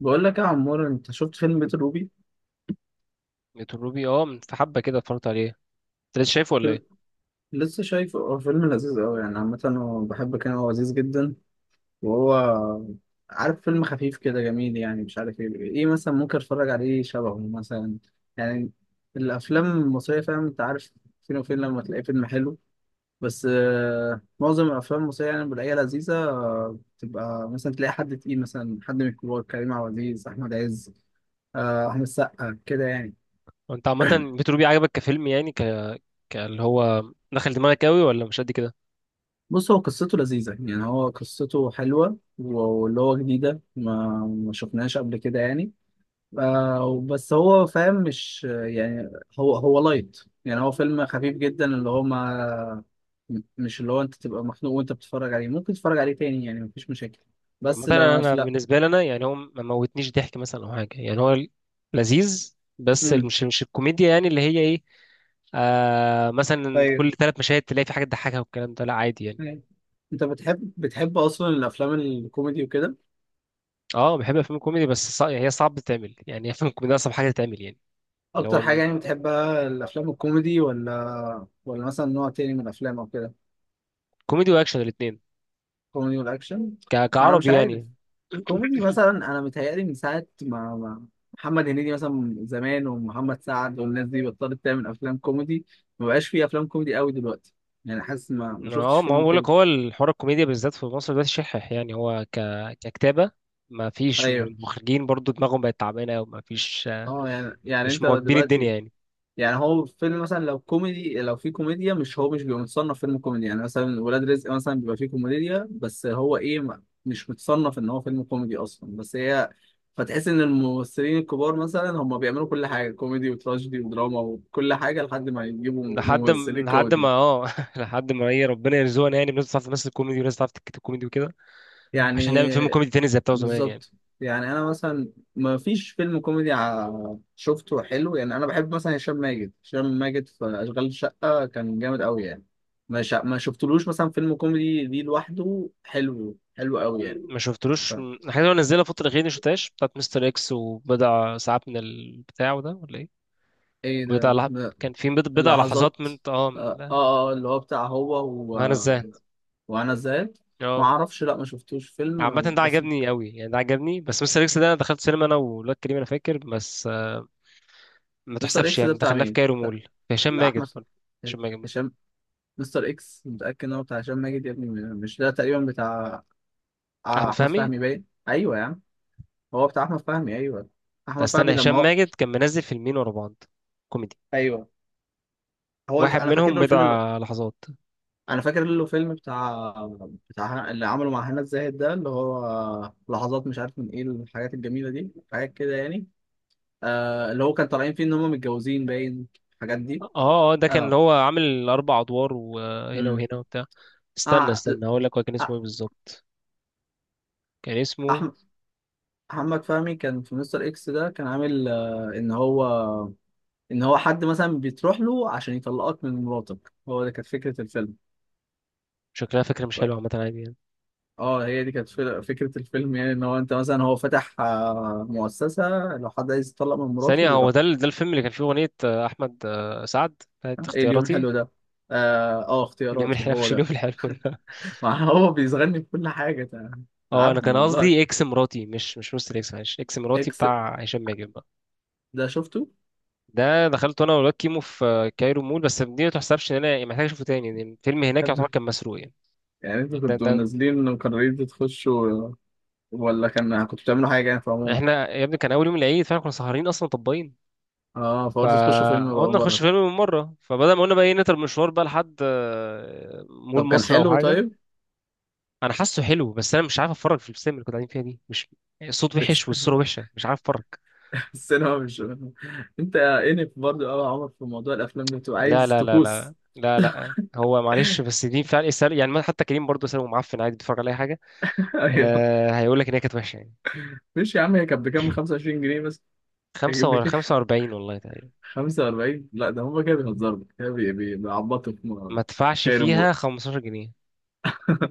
بقول لك يا عمور، انت شفت فيلم بيت الروبي؟ بيت الروبي من في حبة كده اتفرجت عليه. انت لسه شايفه ولا فيلم... ايه؟ لسه شايفه. هو فيلم لذيذ قوي يعني. عامة هو بحب، كان هو لذيذ جدا. وهو عارف، فيلم خفيف كده جميل يعني. مش عارف ايه ايه مثلا ممكن اتفرج عليه شبهه مثلا، يعني الافلام المصرية، فاهم؟ انت عارف فين وفين لما تلاقي فيلم حلو. بس معظم الافلام المصرية يعني بلاقيها لذيذة. تبقى مثلا تلاقي حد تقيل مثلا، حد من الكبار: كريم عبد العزيز، احمد عز، احمد السقا كده يعني. هو انت عامة بيت الروبي عجبك كفيلم اللي هو دخل دماغك قوي ولا مش قد كده؟ بص، هو قصته لذيذة يعني، هو قصته حلوة، واللي هو جديدة ما شفناهاش قبل كده يعني. بس هو فاهم، مش يعني، هو لايت يعني. هو فيلم خفيف جدا، اللي هو ما، مش اللي هو انت تبقى مخنوق وانت بتتفرج عليه. ممكن تتفرج عليه تاني يعني، مفيش مشاكل. عامة بس انا لا أنا لا. بالنسبة لي انا يعني هو ما موتنيش ضحك مثلا او حاجة يعني هو لذيذ بس امم مش الكوميديا يعني اللي هي ايه. آه، مثلا ايوه. كل ثلاث مشاهد تلاقي في حاجة تضحكها والكلام ده لا عادي يعني. أيوة. انت بتحب اصلا الافلام الكوميدي وكده؟ اه بحب افلام الكوميدي يعني هي صعب تتعمل، يعني افلام الكوميدي اصعب حاجة تتعمل يعني. اللي اكتر هو حاجة يعني بتحبها الافلام الكوميدي ولا مثلا نوع تاني من الافلام او كده؟ كوميدي واكشن الاتنين، كوميدي والاكشن. انا مش كعربي عارف. يعني. كوميدي مثلا. انا متهيألي من ساعه ما محمد هنيدي مثلا زمان، ومحمد سعد، والناس دي بطلت تعمل افلام كوميدي. ما بقاش في افلام كوميدي قوي دلوقتي. يعني حاسس ما شفتش اه، ما هو فيلم بقول لك كوميدي. هو الحوار الكوميديا بالذات في مصر دلوقتي شحح، ككتابة ما فيش، ايوه. والمخرجين برضو دماغهم بقت تعبانة وما فيش، اه يعني، يعني مش انت مواكبين الدنيا دلوقتي، يعني. يعني هو فيلم مثلا لو كوميدي، لو في كوميديا، مش هو مش بيبقى متصنف فيلم كوميدي يعني. مثلا ولاد رزق مثلا بيبقى فيه كوميديا، بس هو ايه، ما- مش متصنف ان هو فيلم كوميدي اصلا. بس هي، فتحس ان الممثلين الكبار مثلا هم بيعملوا كل حاجه، كوميدي وتراجيدي ودراما وكل حاجه، لحد ما يجيبوا ممثلين لحد ما كوميدي اه لحد ما ايه، ربنا يرزقنا يعني بناس تعرف تمثل كوميدي وناس تعرف تكتب كوميدي وكده، يعني. عشان نعمل فيلم كوميدي تاني زي بتاع زمان يعني. بالظبط. يعني انا مثلا ما فيش فيلم كوميدي ع- شفته حلو يعني. انا بحب مثلا هشام ماجد، هشام ماجد في اشغال شقه كان جامد قوي يعني. ما شفتلوش مثلا فيلم كوميدي دي لوحده حلو، حلو قوي يعني. م- ما ف... شفتلوش م- الحاجات اللي هو نزلها الفترة الأخيرة دي ما شفتهاش، بتاعت مستر اكس وبضع ساعات من البتاع ده ولا ايه؟ ايه بضع ده لح... م-؟ كان في بضع لحظات لحظات. من اه اه. اللي هو بتاع هو هنا ازاي. وانا زاد. ما اعرفش، لا ما شفتوش عامة فيلم ده بس. عجبني قوي يعني، ده عجبني. بس مستر اكس ده انا دخلت سينما انا والواد كريم، انا فاكر بس آه، ما مستر تحسبش اكس ده يعني، بتاع دخلناه في مين؟ كايرو بتاع مول، في هشام بتاع ماجد احمد، برضه. هشام ماجد برضه. هشام؟ مستر اكس متاكد ان هو بتاع هشام ماجد يا ابني؟ مش ده تقريبا بتاع آه احمد احمد فهمي. فهمي؟ باين. ايوه يا عم، هو بتاع احمد فهمي ايوه. احمد فهمي استنى، لما هشام هو، ماجد كان منزل فيلمين ورا بعض كوميدي. ايوه. واحد انا فاكر منهم له الفيلم اللي، بضع لحظات. انا فاكر له فيلم بتاع، بتاع اللي عمله مع هنا الزاهد ده، اللي هو لحظات مش عارف من ايه الحاجات الجميله دي، حاجات كده يعني. آه، اللي هو كان طالعين فيه ان هم متجوزين باين، الحاجات دي. اه اه، ده كان اللي اه. هو عامل اربع ادوار وهنا امم وهنا وبتاع. استنى آه. استنى هقول لك هو كان اسمه آه. ايه بالظبط. كان اسمه. احمد، محمد فهمي كان في مستر اكس ده، كان عامل آه ان هو، ان هو حد مثلا بتروح له عشان يطلقك من مراتك، هو ده كانت فكره الفيلم. شكلها فكرة مش حلوة، عامة عادي يعني. اه، هي دي كانت فل- فكرة الفيلم يعني، ان هو انت مثلا، هو فتح مؤسسة، لو حد عايز يتطلق من مراته ثانية، هو بيروح. ده ده الفيلم اللي كان فيه أغنية آه، أحمد آه، سعد بتاعت ايه، اليوم اختياراتي. حلو ده. اه اليوم اختياراتي، الحلو، هو مش اليوم ده. الحلو. ما هو بيصغرني في كل حاجة، تع- اه انا كان تعبني والله. قصدي اكس مراتي، مش مستر اكس، معلش، اكس مراتي اكس، بتاع هشام ماجد بقى. ده شفته. ده دخلته انا والواد كيمو في كايرو مول، بس دي ما تحسبش ان انا يعني محتاج اشوفه تاني، لان الفيلم هناك يعتبر حد-، كان مسروق يعني. يعني انتوا ده كنتوا ده نازلين وقررتوا تخشوا، ولا كان كنتوا بتعملوا حاجة يعني في عموم؟ احنا يا ابني كان اول يوم العيد، فاحنا كنا سهرانين اصلا طباين، اه، فقلت تخشوا فيلم بقى فقلنا نخش بره. فيلم من مره، فبدل ما قلنا بقى ايه نتر مشوار بقى لحد آه، مول طب كان مصر او حلو حاجه. طيب؟ انا حاسه حلو، بس انا مش عارف اتفرج في السينما اللي كنا قاعدين فيها دي، مش الصوت الس- وحش والصوره وحشه، مش عارف اتفرج. السينما مش، انت انف برضه قوي يا عمر في موضوع الافلام ده، بتبقى لا عايز لا لا تكوس. لا لا لا هو معلش بس دي فعلا يسأل يعني، حتى كريم برضه سأله، معفن عادي بيتفرج على أي حاجة. ايوه. أه هيقول لك إن هي كانت وحشة يعني. مش يا عم، هي كانت بكام؟ 25 جنيه بس. كانت خمسة ولا بكام؟ خمسة وأربعين، والله تقريبا. 45. لا ده هما كده بيهزروا كده، بي- بي- بيعبطوا في ما م- تدفعش كاين فيها امور. خمستاشر جنيه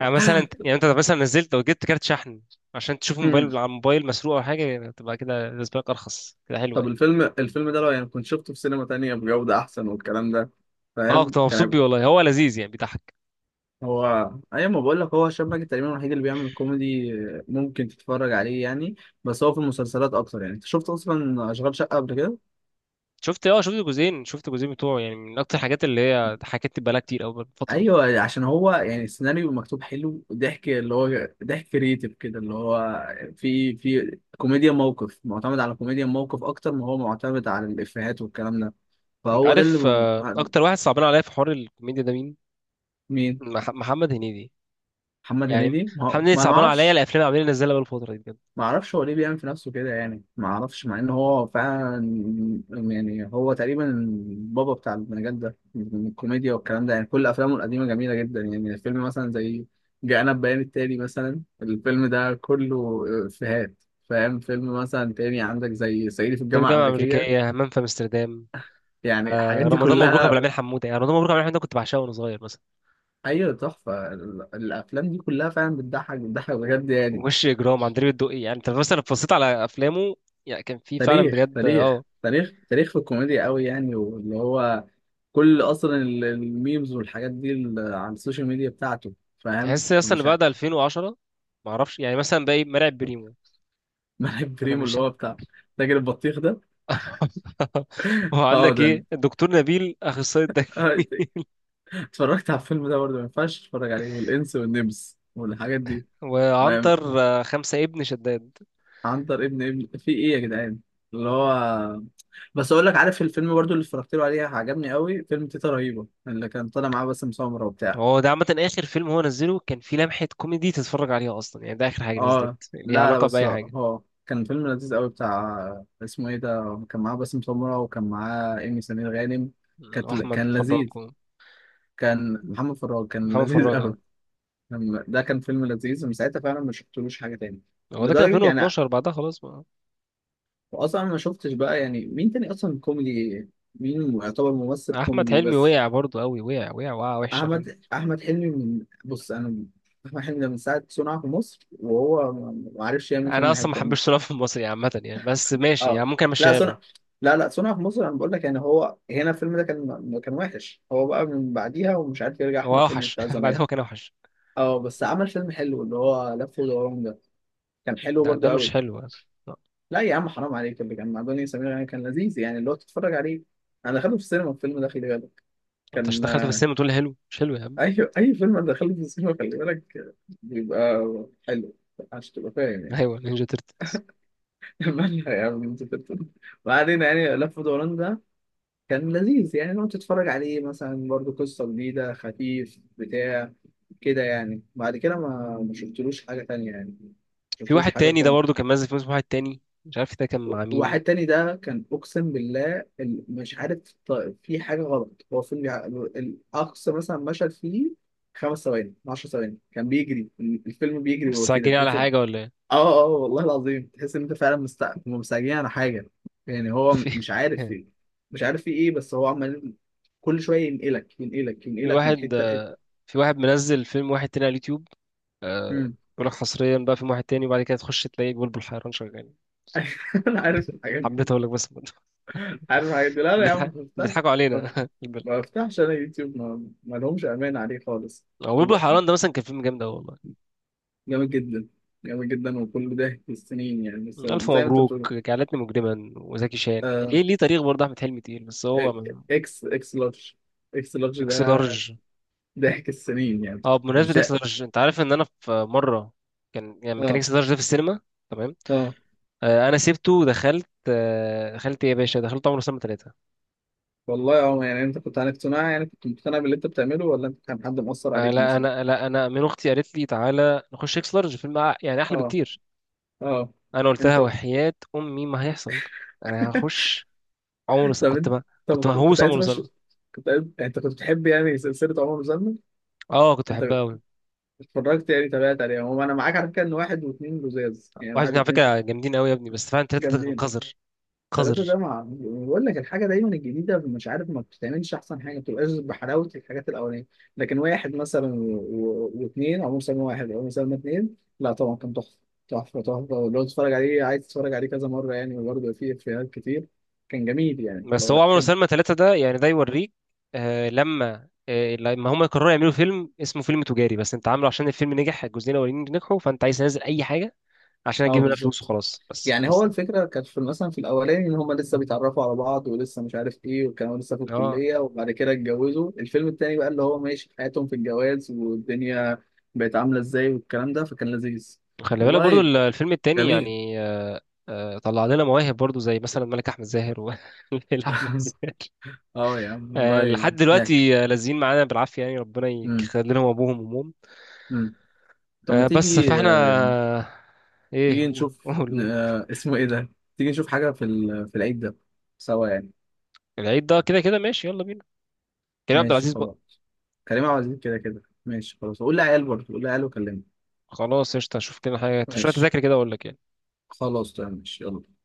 يعني، يعني أنت لو مثلا نزلت وجبت كارت شحن عشان تشوف مم. موبايل على الموبايل مسروق أو حاجة، تبقى كده بالنسبة لك أرخص، كده حلوة طب يعني. الفيلم، ده لو يعني كنت شفته في سينما تانية بجودة أحسن والكلام ده، أه فاهم؟ كنت كان مبسوط بيه والله، هيبقى-؟ هو لذيذ يعني بيضحك. هو أيوة، ما بقول لك، هو هشام ماجد تقريبا الوحيد اللي بيعمل كوميدي ممكن تتفرج عليه يعني. بس هو في المسلسلات أكتر يعني. أنت شفت أصلا أشغال شقة قبل كده؟ شفت أه شفت جزئين، شفت جزئين بتوعه يعني، من أكتر الحاجات اللي هي حكيت بقالها كتير أوي فترة. ايوه، عشان هو يعني السيناريو مكتوب حلو، ضحك اللي هو ضحك كريتيف كده، اللي هو في كوميديا موقف، معتمد على كوميديا موقف اكتر ما هو معتمد على الافيهات والكلام ده. أنت فهو ده اللي عارف آه، ب-. أكتر واحد صعبان عليا في حوار الكوميديا ده مين؟ مين؟ محمد هنيدي. محمد يعني هنيدي. ما, محمد هو- هنيدي ما انا ما صعبان عليا اعرفش، الافلام اللي عمالين ينزلها بقى الفتره دي بجد. ما اعرفش هو ليه بيعمل في نفسه كده يعني. ما اعرفش، مع ان هو فعلا يعني، هو تقريبا البابا بتاع المجال ده من الكوميديا والكلام ده يعني. كل افلامه القديمه جميله جدا يعني. الفيلم مثلا زي جاءنا بيان التالي مثلا، الفيلم ده كله افيهات، فاهم؟ فيلم مثلا تاني عندك زي صعيدي في طب الجامعه الجامعه الامريكيه، الامريكيه، همام في امستردام، يعني الحاجات آه دي رمضان مبروك ابو كلها. العميل حموده، يعني رمضان مبروك ابو العميل حموده كنت بعشقه وانا صغير مثلا. ايوه، تحفه ال- الافلام دي كلها فعلا بتضحك، بتضحك و- بجد يعني. ووش اجرام عندليب الدقي، يعني انت مثلا لو بصيت على افلامه، يعني كان في فعلا تاريخ بجد تاريخ اه. تاريخ تاريخ في الكوميديا قوي يعني. واللي هو كل اصلا ال- الميمز والحاجات دي ال- على السوشيال ميديا بتاعته، فاهم؟ تحس اصلا ان فمش بعد عارف. 2010، ما اعرفش يعني، مثلا بقى ايه مرعب بريمو. ملعب انا بريمو، مش اللي ه- هو بتاع تاجر البطيخ ده. اه وعندك ده أنا. ايه الدكتور نبيل اخصائي الدكتور. آه، اتفرجت على الفيلم ده برضه، ما ينفعش تتفرج عليه، والانس والنمس والحاجات دي. ما-، وعنتر آه، خمسة ابن شداد. عنتر ابن في ايه يا جدعان اللي هو. بس اقول لك، عارف الفيلم برضه اللي اتفرجت له عليه عجبني قوي، فيلم تيتا رهيبه، اللي كان طالع معاه باسم سمرة وبتاع. هو ده عامة آخر فيلم هو نزله كان فيه لمحة كوميدي تتفرج عليها أصلا يعني، ده آخر حاجة نزلت اه ليها لا لا، علاقة بس بأي حاجة. هو كان فيلم لذيذ قوي بتاع اسمه ايه ده، كان معاه باسم سمرة وكان معاه ايمي سمير غانم. م، أحمد كان فراج لذيذ. كان محمد فراج، كان محمد لذيذ فراج اه. قوي. كان-، ده كان فيلم لذيذ، ومن ساعتها فعلا ما شفتلوش حاجة تاني، هو ده كان لدرجة يعني 2012، بعدها خلاص بقى. اصلا ما شفتش بقى، يعني مين تاني اصلا كوميدي، مين يعتبر ممثل أحمد كوميدي حلمي بس؟ وقع برضه أوي، وقع وحشة برضه. احمد حلمي، من، بص انا، احمد حلمي ده من ساعة صنع في مصر وهو ما عرفش يعمل أنا فيلم أصلا ما حلو. حبيتش صراحة في المصري عامة يعني، بس ماشي يعني اه، ممكن لا أمشيها له. صنع، لا لا، صنع في مصر انا بقول لك يعني، هو هنا الفيلم ده كان، كان وحش. هو بقى من بعديها ومش عارف يرجع هو احمد حلمي أوحش بتاع بعدها، زمان. هو كان أوحش. اه بس عمل فيلم حلو، اللي هو لف ودوران ده، كان حلو لا برضو ده مش قوي. حلو أصلا، لا. لا يا عم حرام عليك، اللي كان مع دنيا سمير غانم كان لذيذ يعني، اللي هو تتفرج عليه. انا دخلته في السينما الفيلم ده، خلي بالك، أنت عشان كان دخلته في السينما تقول لي حلو مش حلو يا عم. اي فيلم انا دخلته في السينما، خلي بالك بيبقى حلو، عشان تبقى فاهم يعني. أيوه نينجا تيرتلز. مالها يا عم انت بتتكلم؟ ما علينا. يعني لف ودوران ده كان لذيذ يعني، لو تتفرج عليه مثلا برضو، قصة جديدة خفيف بتاع كده يعني. بعد كده ما شفتلوش حاجة تانية يعني، ما في شفتلوش واحد حاجة تاني، ده كوم. برضه كان نازل فيلم اسمه واحد تاني، مش عارف ده كان مع مين. واحد تاني ده كان أقسم بالله ال-، مش عارف، ط- في حاجة غلط، هو فيلم يع- الأقصى مثلا مشهد فيه خمس ثواني، 10 ثواني، كان بيجري الفيلم، بيجري، وهو كده مستعجلين على تحس. اه حاجة ولا. اه والله العظيم تحس ان انت فعلا مستعجلين على حاجه يعني. هو في مش عارف في، مش عارف في ايه، بس هو عمال كل شويه ينقلك ينقلك في ينقلك من واحد حته لحته. آه، في واحد منزل فيلم واحد تاني على اليوتيوب آه، امم بيقول لك حصريا بقى فيلم واحد تاني، وبعد كده تخش تلاقي بلبل حيران شغال. انا عارف الحاجات حبيت دي، اقول لك بس عارف الحاجات دي. لا لا يا عم ما بفتحش، بيضحكوا ما علينا البلد. ما بفتحش انا يوتيوب. ما لهمش امان عليه خالص. هو بلبل هو حيران ده مثلا كان فيلم جامد قوي والله. جامد جدا، جامد جدا، وكل ده في السنين يعني، بس ألف زي ما انت بتقول. مبروك، جعلتني مجرما، وزكي شان، آه... ليه تاريخ برضه، أحمد حلمي تقيل بس هو إيه، ما. اكس لارج، اكس لارج إكس ده لارج. ضحك السنين يعني. اه بمناسبة مش إكس ده. لارج، أنت عارف إن أنا في مرة كان يعني لما كان اه إكس لارج ده في السينما، تمام، اه آه، أنا سبته ودخلت آه، دخلت إيه يا باشا، دخلت عمر وسلمى ثلاثة. والله. اه يعني انت كنت عن اقتناع يعني، كنت مقتنع باللي انت بتعمله، ولا انت كان حد مؤثر آه، عليك لا مثلا؟ انا لا انا من اختي، قالت لي تعالى نخش اكس لارج فيلم يعني احلى اه بكتير. اه. انا قلت لها انت وحياة امي ما هيحصل، انا هخش عمر وسلمى، طب كنت انت، ما كنت طب كنت مهووس عمر عايز تخش؟ وسلمى. كنت عايز، يعني انت كنت بتحب يعني سلسله عمر زلمه؟ اه كنت انت بحبها قوي. اتفرجت يعني، تابعت عليها؟ هو انا معاك على فكره ان واحد واثنين لزاز يعني. واحد واحد منهم على واثنين فكره جامدين قوي يا ابني، بس فعلا ثلاثه ده كان جامدين. قذر. ثلاثة قذر. ده مع، يعني بقول لك الحاجة دايما الجديدة مش عارف، ما بتتعملش أحسن حاجة، ما بتبقاش بحلاوة الحاجات الأولانية. لكن واحد مثلا و- و- واتنين، أو مسلمة واحد أو مسلمة اتنين، لا طبعا كان تحفة. تحفة تحفة، لو تتفرج عليه عايز تتفرج عليه كذا مرة يعني، وبرضه فيه إفيهات كتير، كان جميل يعني بس لو هو عمر هتحب. وسلمى ثلاثه ده يعني ده يوريك آه لما هم قرروا يعملوا فيلم اسمه فيلم تجاري، بس انت عامله عشان الفيلم نجح، الجزئين الاولانيين نجحوا، فانت عايز تنزل اي حاجه عشان أه اجيب منها فلوس بالظبط. وخلاص، بس يعني هو بس الفكرة كانت في مثلا، في الأولاني إن هما لسه بيتعرفوا على بعض، ولسه مش عارف إيه، وكانوا لسه في اه الكلية، وبعد كده اتجوزوا. الفيلم التاني بقى اللي هو ماشي في حياتهم في الجواز، والدنيا بقت عاملة إزاي، والكلام ده، فكان لذيذ. خلي بالك برضو والله الفيلم التاني جميل. يعني آه، آه، طلع لنا مواهب برضو زي مثلا ملك احمد زاهر وليلى احمد زاهر. أه يا عم آه، لحد والله هناك. دلوقتي آه، لازقين معانا بالعافيه يعني، ربنا أمم. يخلي لهم ابوهم وامهم. أمم. طب ما آه، بس تيجي فاحنا. ايه تيجي هو، نشوف قول قول. اسمه إيه ده، تيجي نشوف حاجة في ال- في العيد ده سوا يعني. العيد ده كده كده ماشي، يلا بينا. كريم عبد ماشي العزيز بقى. خلاص. كريم عبد العزيز كده كده ماشي، خلاص قول لعيال برضه، قول لعيال وكلمني. خلاص قشطه، اشوف كده حاجه، شويه ماشي تذاكر كده اقول لك يعني. خلاص تمام، ماشي، يلا.